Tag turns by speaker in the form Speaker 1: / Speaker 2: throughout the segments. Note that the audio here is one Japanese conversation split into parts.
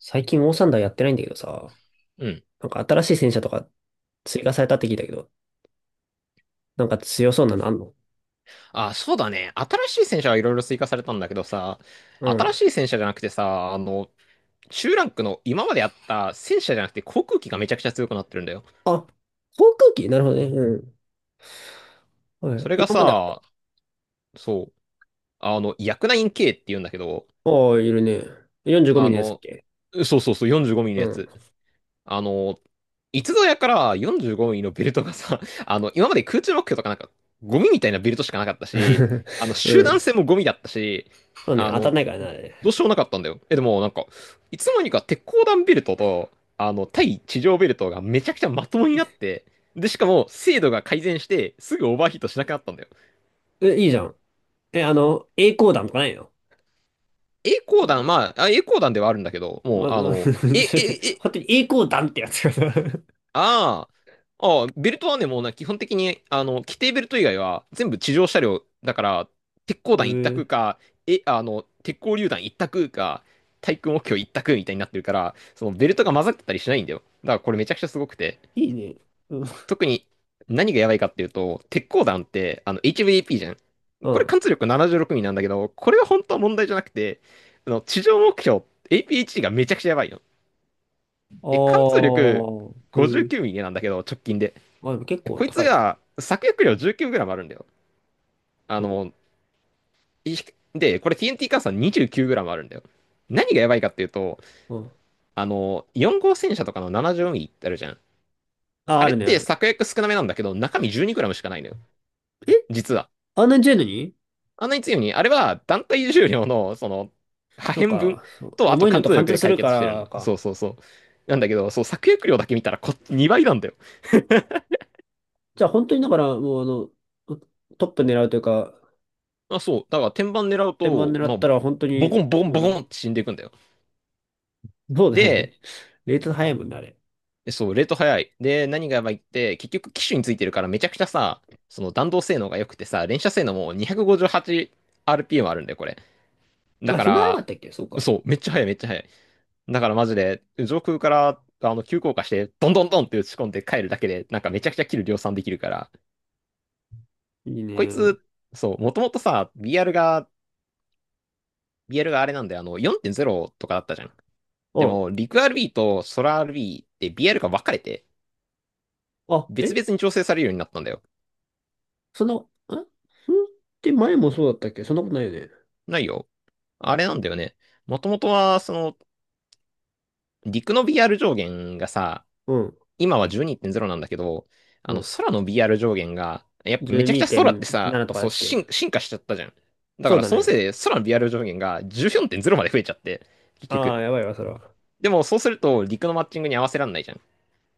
Speaker 1: 最近オーサンダーやってないんだけどさ、
Speaker 2: うん。
Speaker 1: なんか新しい戦車とか追加されたって聞いたけど、なんか強そうなのあんの？
Speaker 2: あ、そうだね。新しい戦車はいろいろ追加されたんだけどさ、
Speaker 1: う
Speaker 2: 新
Speaker 1: ん。
Speaker 2: しい戦車じゃなくてさ、中ランクの今まであった戦車じゃなくて航空機がめちゃくちゃ強くなってるんだよ。
Speaker 1: あ、航空機なるほどね。うん。は
Speaker 2: そ
Speaker 1: い。
Speaker 2: れが
Speaker 1: 今まであった。
Speaker 2: さ、そう、ヤクナイン K って言うんだけど、
Speaker 1: ああ、いるね。45ミ
Speaker 2: あ
Speaker 1: リのやつだっ
Speaker 2: の、
Speaker 1: け？
Speaker 2: そうそうそう、45ミリの
Speaker 1: う
Speaker 2: や
Speaker 1: ん。
Speaker 2: つ。あの、いつぞやから45ミリのベルトがさ、今まで空中目標とかなんか、ゴミみたいなベルトしかなかったし、
Speaker 1: う
Speaker 2: 集団
Speaker 1: ん。
Speaker 2: 戦もゴミだったし、
Speaker 1: そうね、
Speaker 2: あ
Speaker 1: 当た
Speaker 2: の、
Speaker 1: んないからな、あれ。
Speaker 2: どうしようもなかったんだよ。でもなんか、いつの間にか鉄鋼弾ベルトと、対地上ベルトがめちゃくちゃまともになって、で、しかも精度が改善して、すぐオーバーヒートしなくなったんだよ。
Speaker 1: え、いいじゃん。え、あの、栄光弾とかないの？
Speaker 2: 栄光弾、まあ、あ栄光弾ではあるんだけど、も
Speaker 1: ま、
Speaker 2: う、
Speaker 1: ま、それで
Speaker 2: え、
Speaker 1: 本当に栄光弾ってやつがさ。
Speaker 2: ああ、ああ、ベルトはね、もうな、基本的に、規定ベルト以外は全部地上車両だから、鉄
Speaker 1: え
Speaker 2: 鋼弾一択
Speaker 1: ー、
Speaker 2: か、え、あの、鉄鋼榴弾一択か、対空目標一択みたいになってるから、そのベルトが混ざってたりしないんだよ。だからこれめちゃくちゃすごくて。
Speaker 1: いいね。うん。
Speaker 2: 特に何がやばいかっていうと、鉄鋼弾ってHVAP じゃん。
Speaker 1: うん。
Speaker 2: こ
Speaker 1: あ
Speaker 2: れ貫
Speaker 1: あ、
Speaker 2: 通力76ミリなんだけど、これは本当は問題じゃなくて、あの地上目標 APHC がめちゃくちゃやばいの。貫通力
Speaker 1: えー、
Speaker 2: 59ミリなんだけど、直近で。
Speaker 1: まあ、でも結構
Speaker 2: こいつ
Speaker 1: 高いね。
Speaker 2: が作薬量 19g あるんだよ。あ
Speaker 1: うん。
Speaker 2: の、いこれ TNT 換算 29g あるんだよ。何がやばいかっていうと、
Speaker 1: うん。
Speaker 2: 4号戦車とかの 74mm ってあるじゃん。
Speaker 1: あ、
Speaker 2: あ
Speaker 1: あ
Speaker 2: れっ
Speaker 1: るね、あ
Speaker 2: て
Speaker 1: るね。
Speaker 2: 作薬少なめなんだけど、中身 12g しかないのよ。
Speaker 1: え
Speaker 2: 実は。
Speaker 1: あんなに強いのに？
Speaker 2: あんなに強いのに、あれは団体重量の、破
Speaker 1: そう
Speaker 2: 片分
Speaker 1: か、そう、
Speaker 2: と、あと
Speaker 1: 重いの
Speaker 2: 貫
Speaker 1: と
Speaker 2: 通
Speaker 1: 貫
Speaker 2: 力
Speaker 1: 通
Speaker 2: で
Speaker 1: す
Speaker 2: 解
Speaker 1: るか
Speaker 2: 決してる
Speaker 1: ら
Speaker 2: の。そ
Speaker 1: か。
Speaker 2: うそうそう。なんだけど、そう、作薬量だけ見たらこっち2倍なんだよ。
Speaker 1: じゃあ本当にだから、もうあの、トップ狙うというか、
Speaker 2: あ、そう。だから天板狙う
Speaker 1: 天板
Speaker 2: と、
Speaker 1: 狙
Speaker 2: ま
Speaker 1: っ
Speaker 2: あ、
Speaker 1: たら本当
Speaker 2: ボ
Speaker 1: に、
Speaker 2: コンボコン
Speaker 1: う
Speaker 2: ボコン
Speaker 1: ん、
Speaker 2: って死んでいくんだよ。
Speaker 1: そうだよね。
Speaker 2: で、
Speaker 1: レート早いもんね、あれ。
Speaker 2: そう、レート早い。で、何がやばいって、結局機種についてるからめちゃくちゃさ、その弾道性能が良くてさ、連射性能も 258RPM あるんだよ、これ。だ
Speaker 1: あ、
Speaker 2: か
Speaker 1: そんな早かっ
Speaker 2: ら、
Speaker 1: たっけ？そう
Speaker 2: そ
Speaker 1: か。
Speaker 2: う、めっちゃ速い、めっちゃ速い。だからマジで、上空から、急降下して、どんどんどんって打ち込んで帰るだけで、なんかめちゃくちゃキル量産できるから、
Speaker 1: いい
Speaker 2: こい
Speaker 1: ね。
Speaker 2: つ、そう、もともとさ、BR があれなんで、4.0とかだったじゃん。で
Speaker 1: あ、
Speaker 2: も、陸 RB と空 RB って BR が分かれて、
Speaker 1: あ、
Speaker 2: 別
Speaker 1: え
Speaker 2: 々に調整されるようになったんだよ。
Speaker 1: そんな、あそんって前もそうだったっけ？そんなことないよね。
Speaker 2: ないよ。あれなんだよね。もともとは、陸の BR 上限がさ、
Speaker 1: うん、
Speaker 2: 今は12.0なんだけど、
Speaker 1: うん。
Speaker 2: 空の BR 上限が、やっぱめちゃくちゃ空ってさ、
Speaker 1: 12.7とかだ
Speaker 2: そう、
Speaker 1: っけ？
Speaker 2: 進化しちゃったじゃん。だか
Speaker 1: そう
Speaker 2: ら
Speaker 1: だ
Speaker 2: そのせいで
Speaker 1: ね。
Speaker 2: 空の BR 上限が14.0まで増えちゃって、結
Speaker 1: ああ、
Speaker 2: 局。
Speaker 1: やばいわ、それは。
Speaker 2: でもそうすると陸のマッチングに合わせらんないじゃん。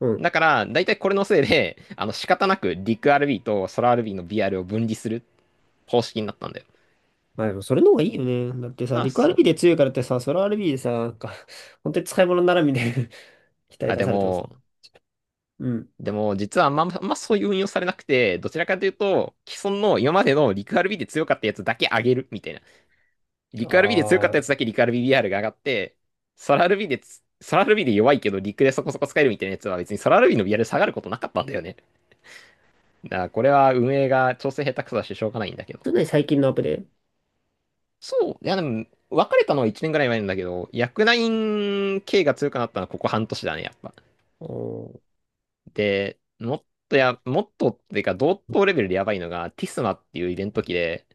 Speaker 1: うん。
Speaker 2: だから、だいたいこれのせいで、仕方なく陸 RB と空 RB の BR を分離する方式になったんだよ。
Speaker 1: まあでもそれの方がいいよね。だってさ、
Speaker 2: ああ、
Speaker 1: リクアル
Speaker 2: そ
Speaker 1: ビー
Speaker 2: う。
Speaker 1: で強いからってさ、ソロアルビーでさ、なんか、本当に使い物にならんみたいな。 期待
Speaker 2: あ、
Speaker 1: 出されてますね。うん。
Speaker 2: でも、実はあんまそういう運用されなくて、どちらかというと、既存の今までの陸 RB で強かったやつだけ上げるみたいな。リクアールビーで強かっ
Speaker 1: あ
Speaker 2: たやつだ
Speaker 1: あ。
Speaker 2: けリク RBBR が上がって、ソラアールビーで弱いけどリクでそこそこ使えるみたいなやつは別にソラアールビーの BR で下がることなかったんだよね。だからこれは運営が調整下手くそだししょうがないんだけど。
Speaker 1: それね、最近のアップで。
Speaker 2: そう。いやでも、別れたのは1年ぐらい前なんだけど、薬ナイン系が強くなったのはここ半年だね、やっぱ。
Speaker 1: おー、
Speaker 2: で、もっとっていうか同等レベルでやばいのがティスマっていうイベント機で、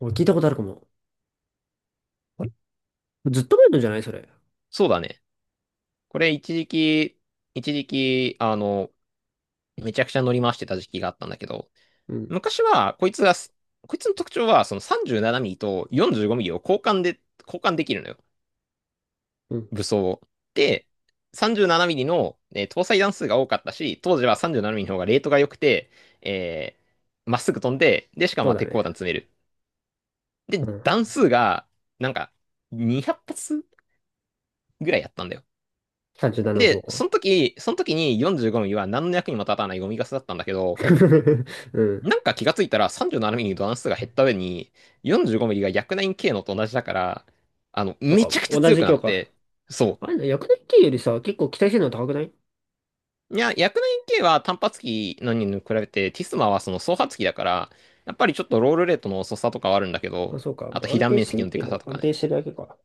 Speaker 1: 俺聞いたことあるかも。あれ、ずっと前のじゃない？それ。
Speaker 2: そうだね。これ一時期、めちゃくちゃ乗り回してた時期があったんだけど、
Speaker 1: うん。
Speaker 2: 昔は、こいつの特徴は、その37ミリと45ミリを交換できるのよ。
Speaker 1: うん。
Speaker 2: 武装を。で、37ミリの、搭載弾数が多かったし、当時は37ミリの方がレートが良くて、えーまっすぐ飛んで、で、しかも
Speaker 1: そ
Speaker 2: ま
Speaker 1: う
Speaker 2: あ
Speaker 1: だ
Speaker 2: 鉄
Speaker 1: ね。
Speaker 2: 鋼弾詰める。
Speaker 1: う
Speaker 2: で、
Speaker 1: ん。
Speaker 2: 弾数が、なんか、200発ぐらいやったんだよ。
Speaker 1: 37の方
Speaker 2: で、
Speaker 1: か。
Speaker 2: その時に45ミリは何の役にも立たないゴミガスだったんだけど、
Speaker 1: うん。
Speaker 2: なんか気がついたら3 7ミリの段数が減った上に4 5ミリが 109K のと同じだから、
Speaker 1: なん
Speaker 2: め
Speaker 1: か、
Speaker 2: ちゃくちゃ
Speaker 1: 同
Speaker 2: 強
Speaker 1: じ
Speaker 2: くな
Speaker 1: 教
Speaker 2: っ
Speaker 1: 科。
Speaker 2: て、そ
Speaker 1: あれな、薬年期よりさ、結構期待性能高くない？
Speaker 2: う。いや、109K は単発機のに比べて、ティスマはその双発機だから、やっぱりちょっとロールレートの遅さとかはあるんだけ
Speaker 1: ま
Speaker 2: ど、
Speaker 1: あ、そうか。
Speaker 2: あ
Speaker 1: ま
Speaker 2: と
Speaker 1: あ、
Speaker 2: 被
Speaker 1: 安
Speaker 2: 弾
Speaker 1: 定
Speaker 2: 面
Speaker 1: して
Speaker 2: 積
Speaker 1: る
Speaker 2: ので
Speaker 1: け
Speaker 2: かさ
Speaker 1: ど、
Speaker 2: と
Speaker 1: 安
Speaker 2: か
Speaker 1: 定
Speaker 2: ね。
Speaker 1: してるだけか。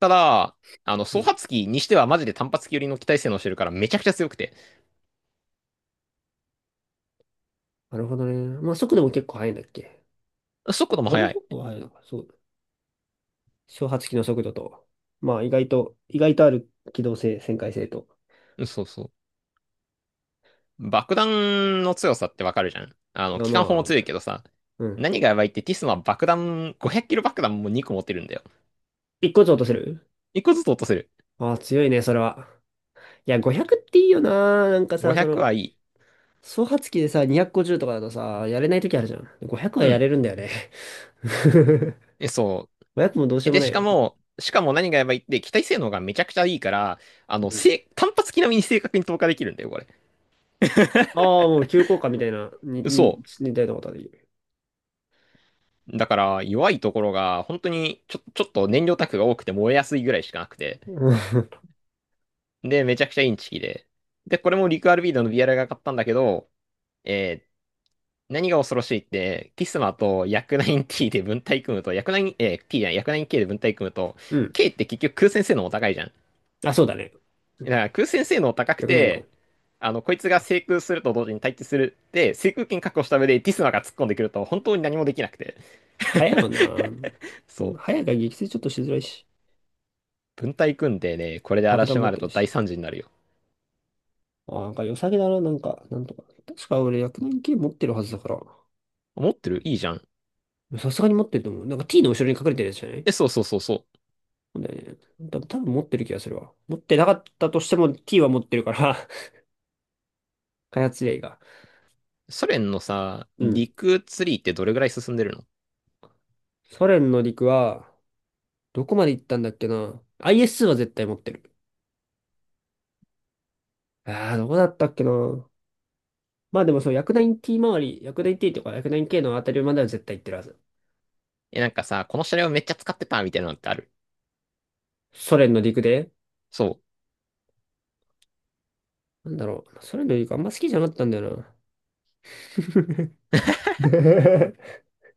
Speaker 2: ただ、
Speaker 1: う
Speaker 2: 双
Speaker 1: ん。
Speaker 2: 発機にしてはマジで単発機寄りの機体性能してるからめちゃくちゃ強くて、
Speaker 1: なるほどね。まあ、速度も結構速いんだっけ？
Speaker 2: 速度も
Speaker 1: あれ、
Speaker 2: 速い。
Speaker 1: 速度は速いのか。そう。小発機の速度と、まあ意外と、意外とある機動性、旋回性と。
Speaker 2: うん、そうそう。爆弾の強さってわかるじゃん。
Speaker 1: あ、
Speaker 2: 機
Speaker 1: ま
Speaker 2: 関砲も強いけ
Speaker 1: あ、
Speaker 2: どさ、
Speaker 1: うん。
Speaker 2: 何がやばいってティスマは爆弾、500キロ爆弾も2個持ってるんだよ。
Speaker 1: 一個ずつ落とせる？
Speaker 2: 1個ずつ落とせる。
Speaker 1: ああ、強いね、それは。いや、500っていいよな。なんかさ、そ
Speaker 2: 500
Speaker 1: の、
Speaker 2: はいい。
Speaker 1: 総発機でさ、250とかだとさ、やれない時あるじゃん。500は
Speaker 2: う
Speaker 1: や
Speaker 2: ん。
Speaker 1: れるんだよね。
Speaker 2: え、そう。
Speaker 1: 500もどうしようも
Speaker 2: で、
Speaker 1: ないよ。
Speaker 2: しかも何がやばいって機体性能がめちゃくちゃいいから、
Speaker 1: うん。
Speaker 2: 正単発機並みに正確に投下できるんだよ、これ。
Speaker 1: ああ、もう急降下みたいな、
Speaker 2: そ
Speaker 1: 似たようなことはできる。
Speaker 2: う。だから、弱いところが、本当にちょっと燃料タンクが多くて燃えやすいぐらいしかなくて。
Speaker 1: うん。
Speaker 2: で、めちゃくちゃインチキで。で、これもリクアルビードの BR が買ったんだけど、えー何が恐ろしいって、キスマとヤクナイン T で分体組むと、ヤクナイン、えー、T じゃない、ヤクナイン K で分体組むと、
Speaker 1: うん。
Speaker 2: K って結局空戦性能も高いじゃん。
Speaker 1: あ、そうだね。
Speaker 2: だから空戦性能高く
Speaker 1: よくないんだも
Speaker 2: て、
Speaker 1: ん。
Speaker 2: こいつが制空すると同時に対地する。で、制空権確保した上でティスマが突っ込んでくると本当に何もできなくて。
Speaker 1: 早いもんな。
Speaker 2: そう。
Speaker 1: 早いから撃墜ちょっとしづらいし、
Speaker 2: 分隊組んでね、これで
Speaker 1: 爆弾
Speaker 2: 嵐
Speaker 1: 持っ
Speaker 2: 回る
Speaker 1: てる
Speaker 2: と大
Speaker 1: し。
Speaker 2: 惨事になるよ。
Speaker 1: あ、なんか良さげだな、なんか、なんとか。確か俺薬丸系持ってるはずだから。
Speaker 2: 持ってる、いいじゃん。
Speaker 1: さすがに持ってると思う。なんか T の後ろに隠れてるやつじゃない？
Speaker 2: え、そうそうそうそ
Speaker 1: そうだよね。多分持ってる気がするわ。持ってなかったとしても T は持ってるから。 開発例が。
Speaker 2: う。ソ連のさ、
Speaker 1: うん。
Speaker 2: 陸ツリーってどれぐらい進んでるの？
Speaker 1: ソ連の陸は、どこまで行ったんだっけな。IS は絶対持ってる。ああ、どこだったっけな。まあでもそう、薬丸 T 周り、薬丸 T とか薬丸 K のあたりまでは絶対行ってるはず。
Speaker 2: なんかさ、この車両めっちゃ使ってたみたいなのってある？
Speaker 1: ソ連の陸で。
Speaker 2: そう。
Speaker 1: なんだろう。ソ連の陸あんま好きじゃなかったんだよな。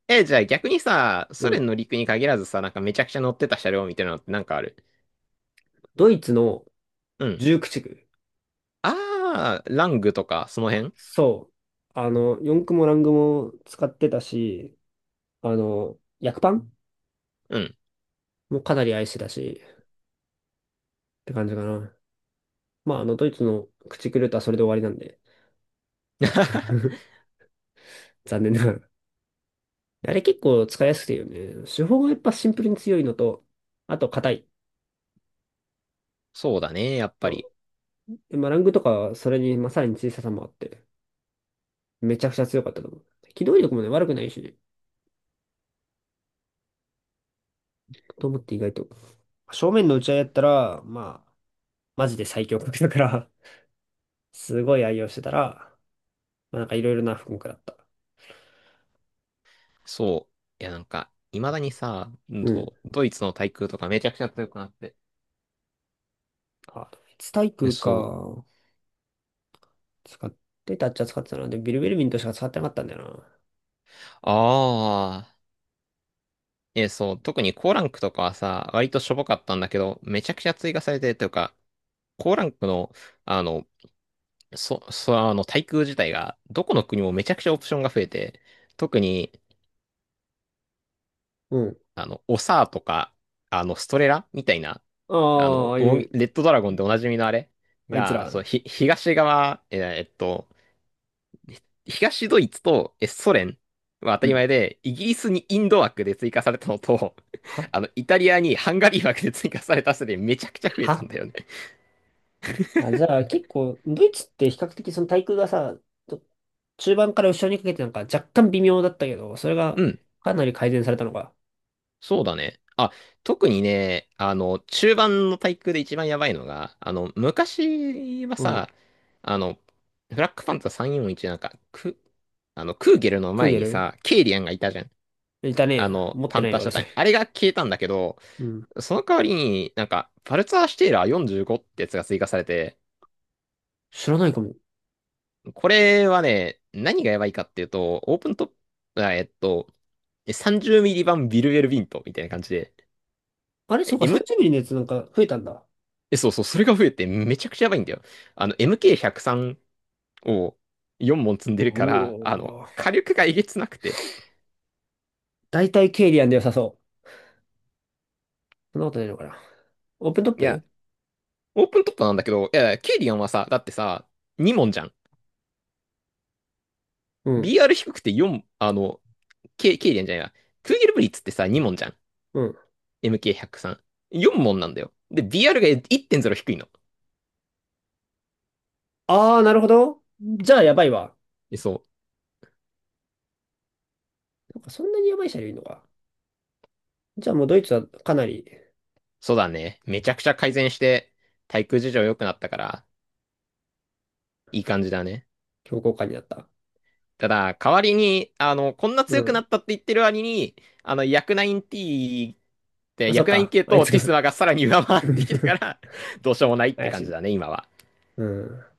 Speaker 2: じゃあ逆にさ、
Speaker 1: う
Speaker 2: ソ
Speaker 1: ん。
Speaker 2: 連の陸に限らずさ、なんかめちゃくちゃ乗ってた車両みたいなのってなんかある？
Speaker 1: ドイツの
Speaker 2: うん。
Speaker 1: 19区。
Speaker 2: あー、ラングとか、その辺？
Speaker 1: そう。あの、四駆もラングも使ってたし、あの、薬パン
Speaker 2: うん。
Speaker 1: もかなり愛してたし、って感じかな。まあ、あの、ドイツの駆逐ルートはそれで終わりなんで。残念ながら。あれ結構使いやすくていいよね。手法がやっぱシンプルに強いのと、あと硬い。
Speaker 2: そうだね、やっぱ
Speaker 1: う
Speaker 2: り。
Speaker 1: ん。でまあ、ラングとかはそれに、まあ、さらに小ささもあって、めちゃくちゃ強かったと思う。機動力もね、悪くないしね。と思って意外と。正面の打ち合いやったら、まあ、マジで最強格だからすごい愛用してたら、まあ、なんかいろいろな科目だった。
Speaker 2: そう。いや、なんか、未だにさ、
Speaker 1: うん。
Speaker 2: ドイツの対空とかめちゃくちゃ強くなって。
Speaker 1: あ、ドイツ体
Speaker 2: え、そう。
Speaker 1: か。使ってたっちゃ使ってたな。でビルベルミントしか使ってなかったんだよな。
Speaker 2: ああ、え、そう。特に高ランクとかはさ、割としょぼかったんだけど、めちゃくちゃ追加されてというか、高ランクの、あの、そ、そ、あの、対空自体が、どこの国もめちゃくちゃオプションが増えて、特に、
Speaker 1: うん。
Speaker 2: オサーとか、ストレラみたいな、
Speaker 1: ああ、ああい
Speaker 2: ウォン
Speaker 1: う、
Speaker 2: レッドドラゴンでおなじみのあれ
Speaker 1: あいつ
Speaker 2: が、
Speaker 1: ら。
Speaker 2: そう、東側、東ドイツとソ連は当
Speaker 1: う
Speaker 2: たり
Speaker 1: ん。
Speaker 2: 前で、イギリスにインド枠で追加されたのと、
Speaker 1: は
Speaker 2: イタリアにハンガリー枠で追加されたせいでめちゃくちゃ増えたん
Speaker 1: は
Speaker 2: だよね。
Speaker 1: あ、じゃあ結構、ドイツって比較的その対空がさ、と中盤から後ろにかけてなんか若干微妙だったけど、それ
Speaker 2: う
Speaker 1: が
Speaker 2: ん。
Speaker 1: かなり改善されたのか。
Speaker 2: そうだね。あ、特にね、中盤の対空で一番やばいのが、昔は
Speaker 1: うん。
Speaker 2: さ、あの、フラッグフパンツァー341なんか、クーゲルの
Speaker 1: クー
Speaker 2: 前
Speaker 1: ゲ
Speaker 2: に
Speaker 1: ル
Speaker 2: さ、ケイリアンがいたじゃん。
Speaker 1: いたね。持っ
Speaker 2: パ
Speaker 1: て
Speaker 2: ン
Speaker 1: ない
Speaker 2: ター
Speaker 1: よ、
Speaker 2: シャ
Speaker 1: 俺
Speaker 2: タ
Speaker 1: そ
Speaker 2: イ
Speaker 1: れ。
Speaker 2: あれが消えたんだけど、
Speaker 1: うん。
Speaker 2: その代わりになんか、パルツァーシュテイラー45ってやつが追加されて、
Speaker 1: 知らないかも。
Speaker 2: これはね、何がやばいかっていうと、オープントップ、30ミリ版ビルウェルビントみたいな感じで、
Speaker 1: あれ、そうか、30ミリのやつなんか増えたんだ。
Speaker 2: え、そうそう、それが増えてめちゃくちゃやばいんだよ。MK103 を4問積ん
Speaker 1: う
Speaker 2: でるから、
Speaker 1: おー。
Speaker 2: 火力がえげつなくて。
Speaker 1: 大体ケイリアンで良さそう。そんなことないのかな。オープントッ
Speaker 2: いや、
Speaker 1: プ。
Speaker 2: オープントップなんだけど、いや、ケイリアンはさ、だってさ、2問じゃん。
Speaker 1: うん。
Speaker 2: BR 低くて4、ケイリアンじゃないな。クーゲルブリッツってさ、2問じゃん。
Speaker 1: うん。
Speaker 2: MK103。4問なんだよ。で、BR が1.0低いの。
Speaker 1: ああ、なるほど。じゃあやばいわ。
Speaker 2: そう。
Speaker 1: そっか。そんなにやばい車両いるのか。じゃあもうドイツはかなり
Speaker 2: そうだね。めちゃくちゃ改善して、対空事情良くなったから、いい感じだね。
Speaker 1: 強硬化になった。
Speaker 2: ただ、代わりに、こんな
Speaker 1: う
Speaker 2: 強くな
Speaker 1: ん。
Speaker 2: ったって言ってる割に、薬9 t って、
Speaker 1: あ、そっ
Speaker 2: 薬9
Speaker 1: か。
Speaker 2: 系
Speaker 1: あい
Speaker 2: と
Speaker 1: つ
Speaker 2: ティス
Speaker 1: が
Speaker 2: マがさらに上回ってきたから、どうしようもないって
Speaker 1: 怪し
Speaker 2: 感じだ
Speaker 1: い。
Speaker 2: ね、今は。
Speaker 1: うん。